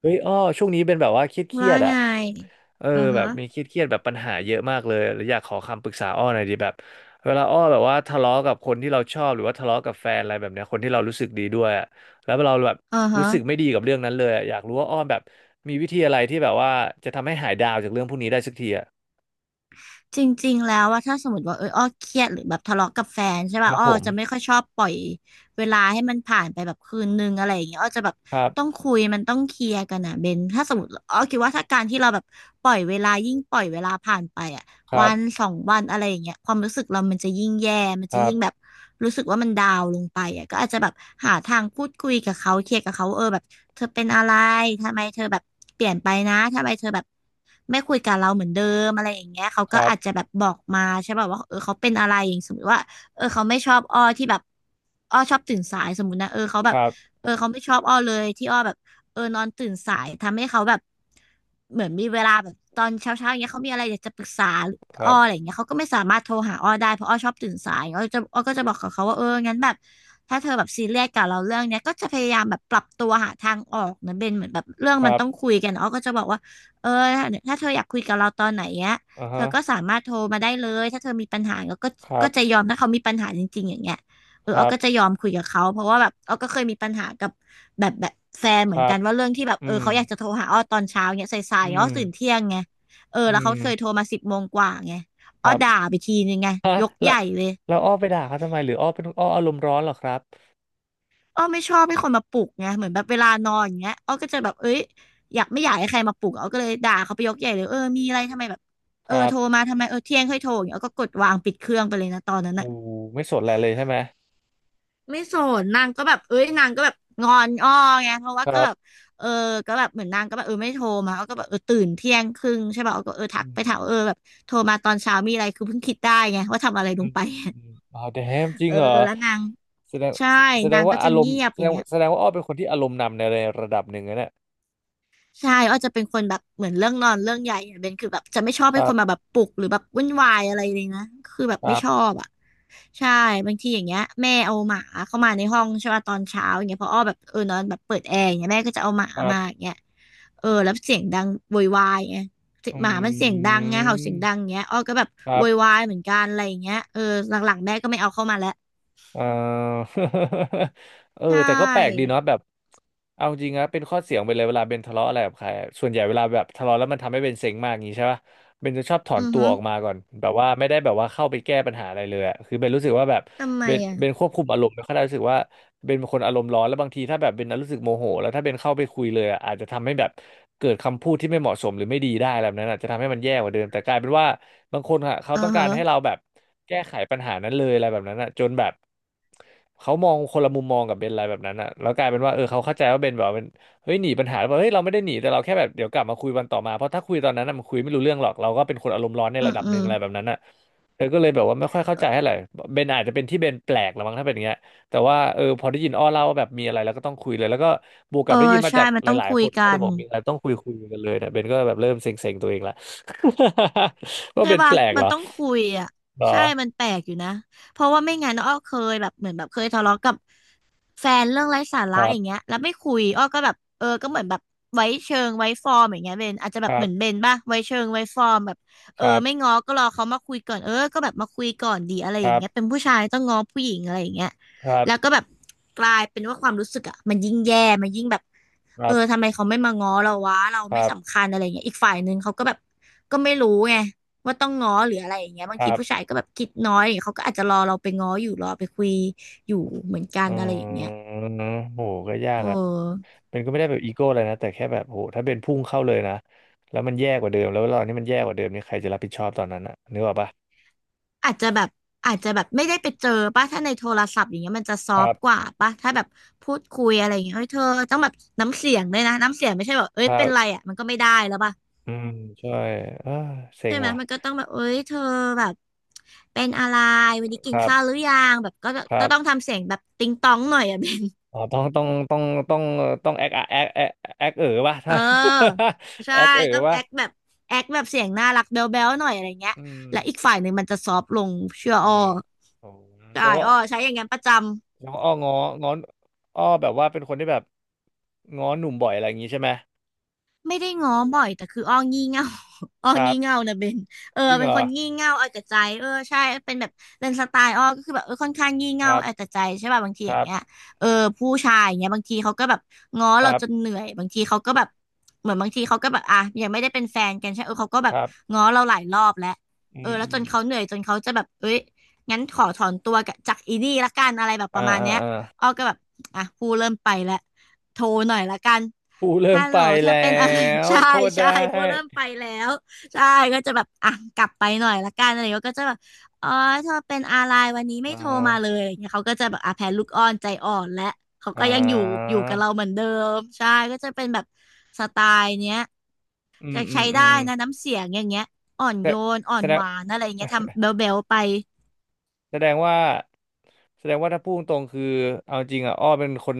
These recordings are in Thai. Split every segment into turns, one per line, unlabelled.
เฮ้ยอ้อช่วงนี้เป็นแบบว่าเครียดเครี
ว่า
ยดอ่ะ
ไง
เออ
อือ
แบ
ฮะ
บมีเครียดแบบปัญหาเยอะมากเลยแล้วอยากขอคำปรึกษาอ้อหน่อยดีแบบเวลาอ้อแบบว่าทะเลาะกับคนที่เราชอบหรือว่าทะเลาะกับแฟนอะไรแบบเนี้ยคนที่เรารู้สึกดีด้วยอะแล้วเราแบบ
อือฮะ
รู้สึกไม่ดีกับเรื่องนั้นเลยอะอยากรู้ว่าอ้อแบบมีวิธีอะไรที่แบบว่าจะทำให้หายดาวจากเรื่องพวกนี้ได้สักทีอ่ะ
จริงๆแล้วว่าถ้าสมมติว่าอ้อเครียดหรือแบบทะเลาะกับแฟนใช่
ค
ป่ะ
รับ
อ้อ
ผ
จะไม่
ม
ค่อยชอบปล่อยเวลาให้มันผ่านไปแบบคืนนึงอะไรอย่างเงี้ยอ้อจะแบบ
ครั
ต้อง
บ
คุยมันต้องเคลียร์กันอ่ะเบนถ้าสมมติอ้อคิดว่าถ้าการที่เราแบบปล่อยเวลายิ่งปล่อยเวลาผ่านไปอ่ะ
ครั
วัน
บ
สองวันอะไรอย่างเงี้ยความรู้สึกเรามันจะยิ่งแย่มัน
ค
จะ
รั
ยิ่งแบบ
บ
รู้สึกว่ามันดาวน์ลงไปอ่ะก็อาจจะแบบหาทางพูดคุยกับเขาเคลียร์กับเขาแบบเธอเป็นอะไรทำไมเธอแบบเปลี่ยนไปนะทำไมเธอแบบไม่คุยกับเราเหมือนเดิมอะไรอย่างเงี้ยเขา
ค
ก็
รับ
อาจจะแบบบอกมาใช่ป่ะว่าเขาเป็นอะไรอย่างสมมติว่าเขาไม่ชอบอ้อที่แบบอ้อชอบตื่นสายสมมตินะเขาแบ
ค
บ
รับ
เขาไม่ชอบอ้อเลยที่อ้อแบบนอนตื่นสายทำให้เขาแบบเหมือนมีเวลาแบบตอนเช้าๆอย่างเงี้ยเขามีอะไรอยากจะปรึกษา
ค
อ้
รั
ออะไร
บ
อย่างเงี้ยเขาก็ไม่สามารถโทรหาอ้อได้เพราะอ้อชอบตื่นสายอ้อก็จะบอกกับเขาว่าเอองั้นแบบถ้าเธอแบบซีเรียสกับเราเรื่องเนี้ยก็จะพยายามแบบปรับตัวหาทางออกนะเบนเหมือนแบบเรื่อง
ค
มั
รั
น
บ
ต้องคุยกันอ้อก็จะบอกว่าเออถ้าเธออยากคุยกับเราตอนไหนเนี้ย
อ่า
เธ
ฮะ
อก็สามารถโทรมาได้เลยถ้าเธอมีปัญหาก็
ครั
ก็
บ
จะยอมถ้าเขามีปัญหาจริงๆอย่างเงี้ย
ค
อ้
รั
อ
บ
ก็จะยอมคุยกับเขาเพราะว่าแบบอ้อก็เคยมีปัญหากับแบบแฟน
ค
เหมือน
รั
กั
บ
นว่าเรื่องที่แบบ
อืม
เขาอยากจะโทรหาอ้อตอนเช้าเนี้ยสา
อื
ยๆอ้อ
ม
ตื่นเที่ยงไง เออ
อื
แล้วเขาเคยโท
ม
รมาสิบโมงกว่าไง
ค
อ้อ
รั
ด่า
บ
ไปทีนึงไง
ฮะ
ยก
แล้
ให
ว
ญ่เลย
แล้วอ้อไปด่าเขาทำไมหรืออ้อเป็นอารมณ์ร้อนเหรอครับ
อ้อไม่ชอบให้คนมาปลุกไงเหมือนแบบเวลานอนอย่างเงี้ยอ้อก็จะแบบเอ้ยอยากไม่อยากให้ใครมาปลุกอ้อก็เลยด่าเขาไปยกใหญ่เลยมีอะไรทำไมแบบ
ครับ
โทรมาทำไมเที่ยงค่อยโทรอย่างเงี้ยอ้อก็กดวางปิดเครื่องไปเลยนะตอนนั้นน่ะ
โอ้โหไม่สนอะไรเลยใช่ไหม
ไม่สนนางก็แบบเอ้ยนางก็แบบงอนอ้อไงเพราะว่า
ค
ก็
รั
แบบ
บ
เออก็แบบเหมือนนางก็แบบไม่โทรมาเขาก็แบบตื่นเที่ยงครึ่งใช่ป่ะาก็ทัก
อืม
ไปถามแบบโทรมาตอนเช้ามีอะไรคือเพิ่งคิดได้ไงว่าทำอะไรล
อื
ง
ม
ไป
อืมอืมอ๋อ damn จริ
เอ
ง
อ
เหรอ
แล้วนาง
แสดง
ใช่
แสแสด
นา
ง
ง
ว่า
ก็จะ
อารม
เงี
ณ์
ยบ
แส
อ
ด
ย่าง
ง
เงี้ย
แสดงว่าอ้อเป็นคนที่อารมณ์นำในระดับหนึ่งนะเนี่ย
ใช่อ้อจะเป็นคนแบบเหมือนเรื่องนอนเรื่องใหญ่อะเบนคือแบบจะไม่ชอบ
ค
ให้
รั
คน
บ
มาแบบปลุกหรือแบบวุ่นวายอะไรเลยนะคือแบบ
ค
ไม่
รั
ชอ
บ
บอ่ะใช่บางทีอย่างเงี้ยแม่เอาหมาเข้ามาในห้องใช่ป่ะตอนเช้าอย่างเงี้ยเพออ้อแบบนอนแบบเปิดแอร์อย่างเงี้ยแม่ก็จะเอาหมา
ครั
มาอ
บ
ย่างเงี้ยแล้วเสียงดังโวยวายไง
อื
หมามันเสียงดังไงเห่าเสียงดัง
ม
เงี้ยอ้อก็แบบ
ครั
โว
บ
ยวายเหมือนกันอะไรอย่างเงี้ยหลังๆแม่ก็ไม่เอาเข้ามาแล้ว
เอ่อ เออ
ใช่
แต่ก็แปลกดีเนาะแบบเอาจริงนะเป็นข้อเสียงไปเลยเวลาเบนทะเลาะอะไรกับใครอะส่วนใหญ่เวลาแบบทะเลาะแล้วมันทำให้เบนเซ็งมากอย่างงี้ใช่ปะ เบนจะชอบถอน
อือ
ตัว
ฮึ
ออกมาก่อนแบบว่าไม่ได้แบบว่าเข้าไปแก้ปัญหาอะไรเลยอะคือเบนรู้สึกว่าแบบ
ทำไม
เบน
อ่ะ
เบนควบคุมอารมณ์ไม่ค่อยได้รู้สึกว่าเบนเป็นคนอารมณ์ร้อนแล้วบางทีถ้าแบบเบนรู้สึกโมโหแล้วถ้าเบนเข้าไปคุยเลยอะอาจจะทำให้แบบเกิดคำพูดที่ไม่เหมาะสมหรือไม่ดีได้อะไรแบบนั้นอาจจะทำให้มันแย่กว่าเดิมแต่กลายเป็นว่าบางคนอะเขา
อื
ต้อ
อ
งกา
ฮะ
รให้เราแบบแก้ไขปัญหานั้นเลยอะไรแบบนั้นอะจนแบบเขามองคนละมุมมองกับเบนอะไรแบบนั้นอะแล้วกลายเป็นว่าเออเขาเข้าใจว่าเบนแบบ เฮ้ยหนีปัญหาแล้วเปล่บเฮ้ยเราไม่ได้หนีแต่เราแค่แบบเดี๋ยวกลับมาคุยวันต่อมาเพราะถ้าคุยตอนนั้นน่ะมันคุยไม่รู้เรื่องหรอกเราก็เป็นคนอารมณ์ร้อนใน
อื
ระ
ม
ดับ
อื
หนึ่ง
ม
อะไรแบบนั้นอ่ะเธอก็เลยแบบว่าไม่ค่อยเข้า
เอ
ใจ
อ
เท่าไหร่เบนอาจจะเป็นที่เบนแปลกละมั้งถ้าเป็นอย่างเงี้ยแต่ว่าเออพอได้ยินอ้อเล่าว่าแบบมีอะไรแล้วก็ต้องคุยเลยแล้วก็บวกกับได้ยินมาจา
ใช่
ก
มัน
ห
ต้อง
ลาย
คุ
ๆค
ย
น
กั
ก็เลย
น
บอกมีอะไรต้องคุยกันเลยเนี่ยเบนก็แบบเริ่มเซ็งๆตัวเองละ ว่า
ใช่
เบน
ป่ะ
แปลก
มั
เหร
น
อ
ต้องคุยอ่ะ
เหรอ
ใช่มันแปลกอยู่นะเพราะว่าไม่งั้นอ้อเคยแบบเหมือนแบบเคยทะเลาะกับแฟนเรื่องไร้สา
ค
ระ
รั
อย่างเงี้
บ
ยแล้วไม่คุยอ้อก็แบบก็เหมือนแบบไว้เชิงไว้ฟอร์มอย่างเงี้ยเบนอาจจะแบ
ค
บ
รั
เหมือนเบ
บ
นป่ะไว้เชิงไว้ฟอร์มแบบ
ครั
ไม่
บ
ง้อก็รอเขามาคุยก่อนก็แบบมาคุยก่อนดีอะไร
ค
อย่าง
รับ
เงี้ยเป็นผู้ชายต้องง้อผู้หญิงอะไรอย่างเงี้ย
ครับ
แล้วก็แบบกลายเป็นว่าความรู้สึกอ่ะมันยิ่งแย่มันยิ่งแบบ
ครับ
ทำไมเขาไม่มาง้อเราวะเรา
ค
ไม่
รับ
สำคัญอะไรเงี้ยอีกฝ่ายหนึ่งเขาก็แบบก็ไม่รู้ไง ว่าต้องง้อหรืออะไรอย่างเงี้ยบา
ค
งที
รับ
ผู้ชายก็แบบคิดน้อยเขาก็อาจจะรอเราไปง้ออยู่รอไปคุยอยู่เหมือนกัน
อ
อะไรอย่างเงี้
ื
ย
มโหก็ยาก
เอ
อะ
อ
เป็นก็ไม่ได้แบบอีโก้อะไรนะแต่แค่แบบโหถ้าเป็นพุ่งเข้าเลยนะแล้วมันแย่กว่าเดิมแล้วตอนนี้มันแย่กว่าเดิมนี่ใครจะรับผิดชอบตอนนั้นอะนึกออกปะ
อาจจะแบบอาจจะแบบไม่ได้ไปเจอป่ะถ้าในโทรศัพท์อย่างเงี้ยมันจะซ
ค
อฟ
รับ
ต์กว่าป่ะถ้าแบบพูดคุยอะไรอย่างเงี้ยเฮ้ยเธอต้องแบบน้ำเสียงด้วยนะน้ำเสียงไม่ใช่แบบเอ้
ค
ย
รั
เป็นไร
บ
อ่ะมันก็ไม่ได้แล้วป่ะ
อืมใช่เออเซ็
ใช่
ง
ไหม
ว่ะ
มันก็ต้องแบบเอ้ยเธอแบบเป็นอะไรวันนี้
ค
กิน
รั
ข้าว
บ
หรือยังแบบก็
ครั
จะต้อง
บ
ทำเสียงแบบติงตองหน่อยอ่ะ เบน
อ๋อต้องต้องต้องแอคเอ๋อป่ะ
เ
ถ้า
ออ ใช่
แอค เอ๋อ
ต้อง
ป่ะ
แอคแบบแอคแบบเสียงน่ารักแบ๊วๆหน่อยอะไรเงี้ย
อืม
และอีกฝ่ายหนึ่งมันจะซอฟต์ลงเชื่อ
จริง
อ้อ
เหรอโอ้
ใช่
แต่ว่า
อ้อใช้อย่างงั้นประจำ
แงว่าอ้ององ้อนอ้อแบบว่าเป็นคนที่แบบง้อหนุ่มบ่อยอะไรอย่างงี้ใช่ไหม
ไม่ได้ง้อบ่อยแต่คืออ้องี่เง่า อ้อ
ครับ
งี่เง่านะเบน
จริง
เป็
เห
น
ร
ค
อ
นงี่เง่าเอาแต่ใจใช่เป็นแบบเป็นสไตล์อ้อก็คือแบบค่อนข้างงี่
ค
เง่า
รับ
เอาแต่ใจใช่ป่ะบางที
ค
อย่า
รั
ง
บ
เงี้ยเออผู้ชายอย่างเงี้ยบางทีเขาก็แบบง้อ
ค
เรา
รั
จนเห
บ
นื่อยบางทีเขาก็แบบเหมือนบางทีเขาก็แบบอ่ะยังไม่ได้เป็นแฟนกันใช่เขาก็แบ
ค
บ
รับ
ง้อเราหลายรอบแล้ว
อืม
แล้
อื
วจ
ม
นเขาเหนื่อยจนเขาจะแบบเอ้ยงั้นขอถอนตัวกับจากอีนี่ละกันอะไรแบบป
อ่า
ระมาณ
อ่า
เนี้ย
อ่า
อ้อก็แบบอ่ะผู้เริ่มไปแล้วโทรหน่อยละกัน
ผู้เริ่ม
ฮัลโห
ไป
ลเธอ
แล้
เป็นอะไร
ว
ใช่
โคตร
ใช่
ได้
พูดเริ่มไปแล้วใช่ก็จะแบบอ่ะกลับไปหน่อยละกันอะไรอย่างเงี้ยก็จะแบบอ๋อเธอเป็นอะไรวันนี้ไม่
อ่า
โทรมาเลยอะไรย่างเงี้ยเขาก็จะแบบอ่ะแพ้ลูกอ้อนใจอ่อนและเขา
อ่
ก็ยังอยู่อ
า
ยู่กับเราเหมือนเดิมใช่ก็จะเป็นแบบสไตล์เนี้ย
อื
จะ
มอื
ใช้
มอื
ได้
ม
นะน้ำเสียงอย่างเงี้ยอ่อนโยนอ่อ
แส
น
ด
ห
ง
วานอะไรอย่างเงี้ยทำเบลเบลไป
แสดงว่าแสดงว่าถ้าพูดตรงๆคือเอาจริงอ่ะอ้อเป็นคน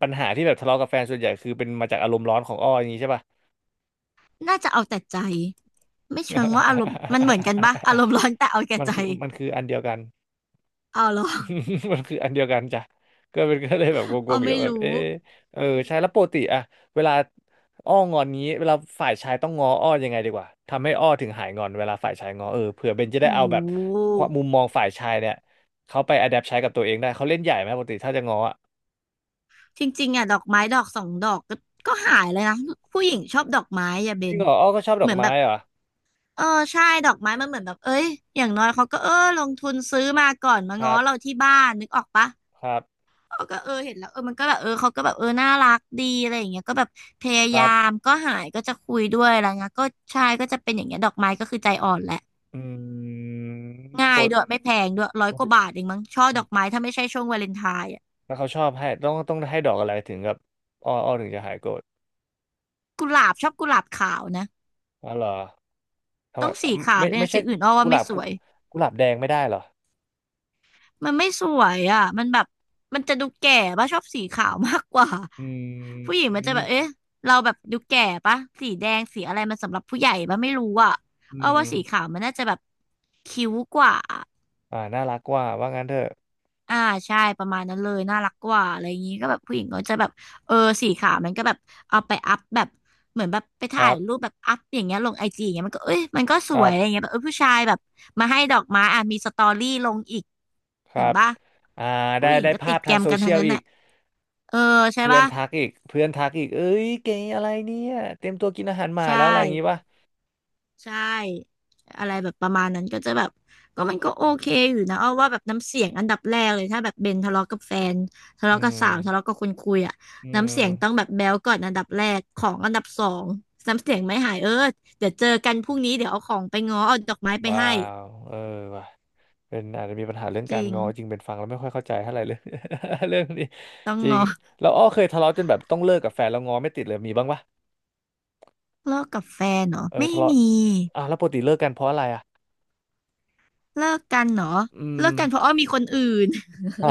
ปัญหาที่แบบทะเลาะกับแฟนส่วนใหญ่คือเป็นมาจากอารมณ์ร้อนของอ้ออย่างนี้ใช่ป่ะ
น่าจะเอาแต่ใจไม่เชิงว่าอารมณ์มันเหมือนกันปะอารมณ์ร้อนแต่เอา แก่ใจ
มันคืออันเดียวกัน
เอาเหรอ
มันคืออันเดียวกันจ้ะก็เลยแบบง
อ๋อ
งๆอยู่
ไม่
แบบ
รู้
เออเออใช่แล้วปกติอะเวลาอ้องอนนี้เวลาฝ่ายชายต้องง้ออ้อยังไงดีกว่าทำให้อ้อถึงหายงอนเวลาฝ่ายชายง้อเออเผื่อเบนจะ
โอ
ได้เอาแบบ
้
ความมุมมองฝ่ายชายเนี่ยเขาไปอ d แ p t ใช้กับตัวเองได้เขาเล่นใหญ่ไหมปกติถ้าจะง้ออะ
จริงๆอ่ะดอกไม้ดอกสองดอกก็ก็หายเลยนะผู้หญิงชอบดอกไม้อย่าเบ
จริง
น
เหรออ้อก็ชอบด
เห
อก
มือนแบ
ไม้
บ
เหรอ
เออใช่ดอกไม้มันเหมือนแบบเอ้ยอย่างน้อยเขาก็ลงทุนซื้อมาก่อนมา
ค
ง้อ
รับ
เราที่บ้านนึกออกปะ
ครับ
เขาก็เห็นแล้วมันก็แบบเขาก็แบบน่ารักดีอะไรอย่างเงี้ยก็แบบพยา
ค
ยา
รั
ม
บ
ก็หายก็จะคุยด้วยอะไรเงี้ยก็ใช่ก็จะเป็นอย่างเงี้ยดอกไม้ก็คือใจอ่อนแหละ
อืมป
ง่าย
ก
ด้วยไม่แพงด้วยร้อ
ป
ย
ก
ก
ติ
ว่าบาทเองมั้งช่อดอกไม้ถ้าไม่ใช่ช่วงวาเลนไทน์อ่ะ
แล้วเขาชอบให้ต้องให้ดอกอะไรถึงกับอ้อถึงจะหายโกรธ
กุหลาบชอบกุหลาบขาวนะ
อ๋อเหรอ ทำไม
ต้องสีขาว
ไม่
ด้วย
ไม่
นะ
ใช่
สีอื่นอ้อ
กุ
ว่า
ห
ไม่
ลาบ
ส
กุ
วย
กุหลาบแดงไม่ได้เหรอ
มันไม่สวยอ่ะมันแบบมันจะดูแก่ป่ะชอบสีขาวมากกว่า
อื
ผู้หญิง
ม
มันจะแบบเอ๊ะเราแบบดูแก่ป่ะสีแดงสีอะไรมันสำหรับผู้ใหญ่ป่ะไม่รู้อ่ะ
อื
เอา
ม
ว่าสีขาวมันน่าจะแบบคิ้วกว่า
อ่าน่ารักกว่าว่างั้นเถอะ
อ่าใช่ประมาณนั้นเลยน่ารักกว่าอะไรอย่างนี้ก็แบบผู้หญิงก็จะแบบเออสีขาวมันก็แบบเอาไปอัพแบบเหมือนแบบไป
ค
ถ่า
รั
ย
บ
รูปแบบอัพอย่างเงี้ยลงไอจีอย่างเงี้ยมันก็เอ้ยมันก็ส
ค
ว
รั
ย
บ
อะไรเงี้ยแบบผู้ชายแบบมาให้ดอกไม้อ่ะมีสตอรี่ลงอีก
ค
เห็
รั
น
บ
ปะ
อ่าได้
ผู้หญิง
ได้
ก็ติ
ภาพ
ดแก
ทาง
ม
โซ
กัน
เชี
ทั้ง
ยล
นั้น
อีก
น่ะเออใช่
เพื่อน
ปะ
ทักอีกเพื่อนทักอีกเอ้ยเก๋อะไรเนี่ยเตรียมตัวกินอาหารหมา
ใช่
แล้วอะไรอย่างงี้ป่ะ
ใช่อะไรแบบประมาณนั้นก็จะแบบก็มันก็โอเคอยู่นะเอาว่าแบบน้ำเสียงอันดับแรกเลยถ้าแบบเบนทะเลาะกับแฟนทะ
อื
เลาะกับสาวทะเลาะ
ม
กับคนคุยอ่ะ
อื
น้ำเสียงต้อง
ม
แบบแบ๊วก่อนอันดับแรกของอันดับสองน้ำเสียงไม่หายเดี๋ยวเจอกันพรุ่งนี้เดี๋ยวเอาของไปง้อเอาดอกไม้ไป
ว้า
ให้
วเออว่ะเป็นอาจจะมีปัญหาเรื่อง
จ
การ
ริง
งอจริงเป็นฟังแล้วไม่ค่อยเข้าใจเท่าไหร่เลย เรื่องนี้
ต้อง
จริง
ง้อ
เราอ้อเคยทะเลาะจนแบบต้องเลิกกับแฟนแล้วงอไม่ติดเลยมีบ้างปะ
เลิกกับแฟนเหรอ
เออ
ไม่
ทะเลาะ
มี
อ่ะแล้วปกติเลิกกันเพราะอะไรอ่ะ
เลิกกันเหรอ
อืม
เลิกกันเพราะอ้อมีคนอื่น
ฮะ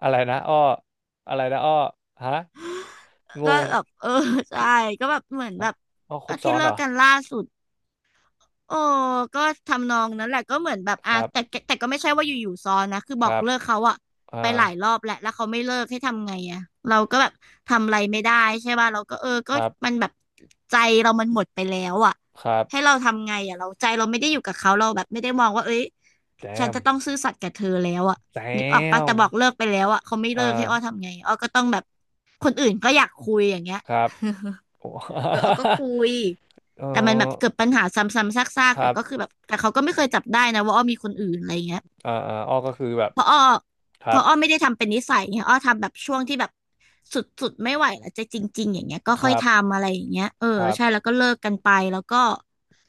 อะไรนะอ้ออะไรนะอ้อฮะง
ก็
ง
แบบใช่
คือ
ก็แบบเหมือนแบ
ฮะ
บ
อ้อคร
ก็
บซ้
ที่
อน
เลิ
เหร
ก
อ
กันล่าสุด โอ้ก็ทำนองนั้นแหละก็เหมือนแบบ
ค
อ่ะ
รั
แต่
บ
แต่แต่ก็ไม่ใช่ว่าอยู่ๆซ้อนนะคือ
ค
บอก
รับ
เลิกเขาอะไป
อ่า
หลายรอบแหล้วแล้วเขาไม่เลิกให้ทำไงอะเราก็แบบทำอะไรไม่ได้ใช่ป่ะเราก็
ค
ก็
รั
มั
บ
นแบบใจเรามันหมดไปแล้วอะ
ครั
ให้
บ
เราทำไงอะเราใจเราไม่ได้อยู่กับเขาเราแบบไม่ได้มองว่าเอ้ย
แจ
ฉัน
ม
จะต้องซื่อสัตย์กับเธอแล้วอะ
แจ
นึกออกปะ
ม
แต่บอกเลิกไปแล้วอะเขาไม่
อ่
เลิกให้อ้อ
า
ทำไงอ้อก็ต้องแบบคนอื่นก็อยากคุยอย่างเงี้ย
ครับ โอ้
เออออก็คุย
เอ
แต่มันแบบ
อ
เกิดปัญหาซ้ำๆซาก
ค
ๆแต่
รับ
ก็คือแบบแต่เขาก็ไม่เคยจับได้นะว่าอ้อมีคนอื่นอะไรเงี้ย
อ่าอ่าอ้อก็คือแบบ
เพราะอ้อ
ค
เพ
รับ
ราะอ้อไม่ได้ทำเป็นนิสัยไงอ้อทำแบบช่วงที่แบบสุดๆไม่ไหวแล้วจะจริงๆอย่างเงี้ยก็
ค
ค่อย
รับ
ทำอะไรอย่างเงี้ย
ครับ
ใช่แล้วก็เลิกกันไปแล้วก็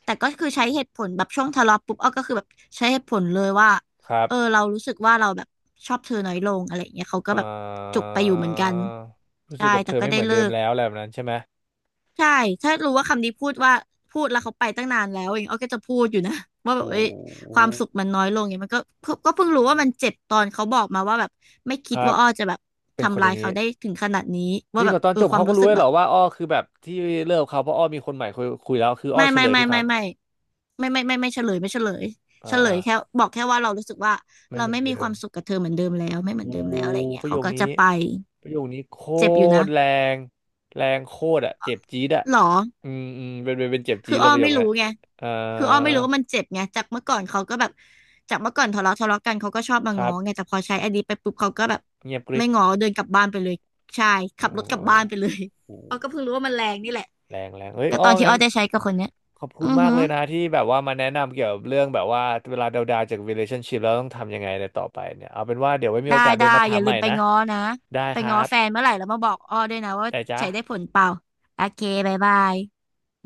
แต่ก็คือใช้เหตุผลแบบช่วงทะเลาะปุ๊บอ้อก็คือแบบใช้เหตุผลเลยว่า
ครับ
เรารู้สึกว่าเราแบบชอบเธอน้อยลงอะไรอย่างเงี้ยเขาก็
เอ่
แบบจุก
อ
ไปอยู่เหมือนกัน
รู้สึ
ใช่
กกับเธ
แต่
อ
ก็
ไม่เห
ได้
มือน
เลิ
เดิม
ก
แล้วอะไรแบบนั้นใช่ไหม
ใช่ ถ้ารู้ว่าคำนี้พูดว่าพูดแล้วเขาไปตั้งนานแล้วเองอ้อก็จะพูดอยู่นะ ว่าแบ
โอ้
บเอ้ย
โห
ความสุขมันน้อยลงเนี่ยมันก็ก็เพิ่งรู้ว่ามันเจ็บตอนเขาบอกมาว่าแบบไม่
ค
คิด
รับ
ว่าอ้อจะแบบ
เป็นคน
ทำ
อ
ลา
ย่า
ย
งนี้
เขาได้ถึงขนาดนี้
จ
ว่า
ริง
แบ
เหร
บ
อตอนจบ
ควา
เขา
ม
ก็
รู้
รู้
สึก
เลย
แบ
เหร
บ
อว่าอ้อคือแบบที่เลิกกับเขาเพราะอ้อมีคนใหม่คุยแล้วคืออ้อ
ไม่
เฉ
ไม่
ลย
ไม่
ทุกค
ไม่
รั้ง
ไม่ไม่ไม่ไม่ไม่ไม่ไม่เฉลยไม่เฉลย
อ่า
เฉล
อ่า
ยแค่บอกแค่ว่าเรารู้สึกว่า
ไม่
เรา
เหมือ
ไม่
น
มี
เดิ
ค
ม
วามสุขกับเธอเหมือนเดิมแล้วไม่เห
โอ้
มือนเดิมแล้วอะไรอย่างเงี้
ป
ย
ระโย
เขา
ค
ก็
นี้
จะไป
ประโยคนี้โค
เจ็บอยู่นะ
ตรแรงแรงโคตรอ่ะเจ็บจี๊ดอ่ะ
หรอ
อืมอืมเป็นเจ็บ
คื
จี๊ด
อ
เล
อ้อ
ยประโย
ไม่
ค
รู้
นั้น
ไง
อ่า
คืออ้อไม่รู้ว่ามันเจ็บไงจากเมื่อก่อนเขาก็แบบจากเมื่อก่อนทะเลาะกันเขาก็ชอบมา
ครั
ง้อ
บ
ไงแต่พอใช้อันนี้ไปปุ๊บเขาก็แบบ
เงียบกริ
ไม่
บ
ง้อเดินกลับบ้านไปเลยใช่
โอ
ขับรถกลับบ้าน
้
ไปเลย อ้อ
โห
ก็เพิ่งรู้ว่ามันแรงนี่แหละ
แรงแรงเฮ้ย
ก็
อ้อ
ตอนที่
งั้
อ้อ
น
ได้ใช้กับคนเนี้ย
ขอบคุ
อื
ณ
อ
มา
หื
ก
อ
เลยนะที่แบบว่ามาแนะนำเกี่ยวกับเรื่องแบบว่าเวลาดาวๆจาก relationship แล้วต้องทำยังไงในต่อไปเนี่ยเอาเป็นว่าเดี๋ยวไว้มี
ได้
โอกาสเป็
ได้
นมาถา
อ
ม
ย่า
ให
ลื
ม่
มไป
นะ
ง้อนะ
ได้
ไป
ครั
ง้อ
บ
แฟนเมื่อไหร่แล้วมาบอกอ้อด้วยนะว่า
ได้จ้า
ใช้ได้ผลเปล่าโอเคบ๊ายบาย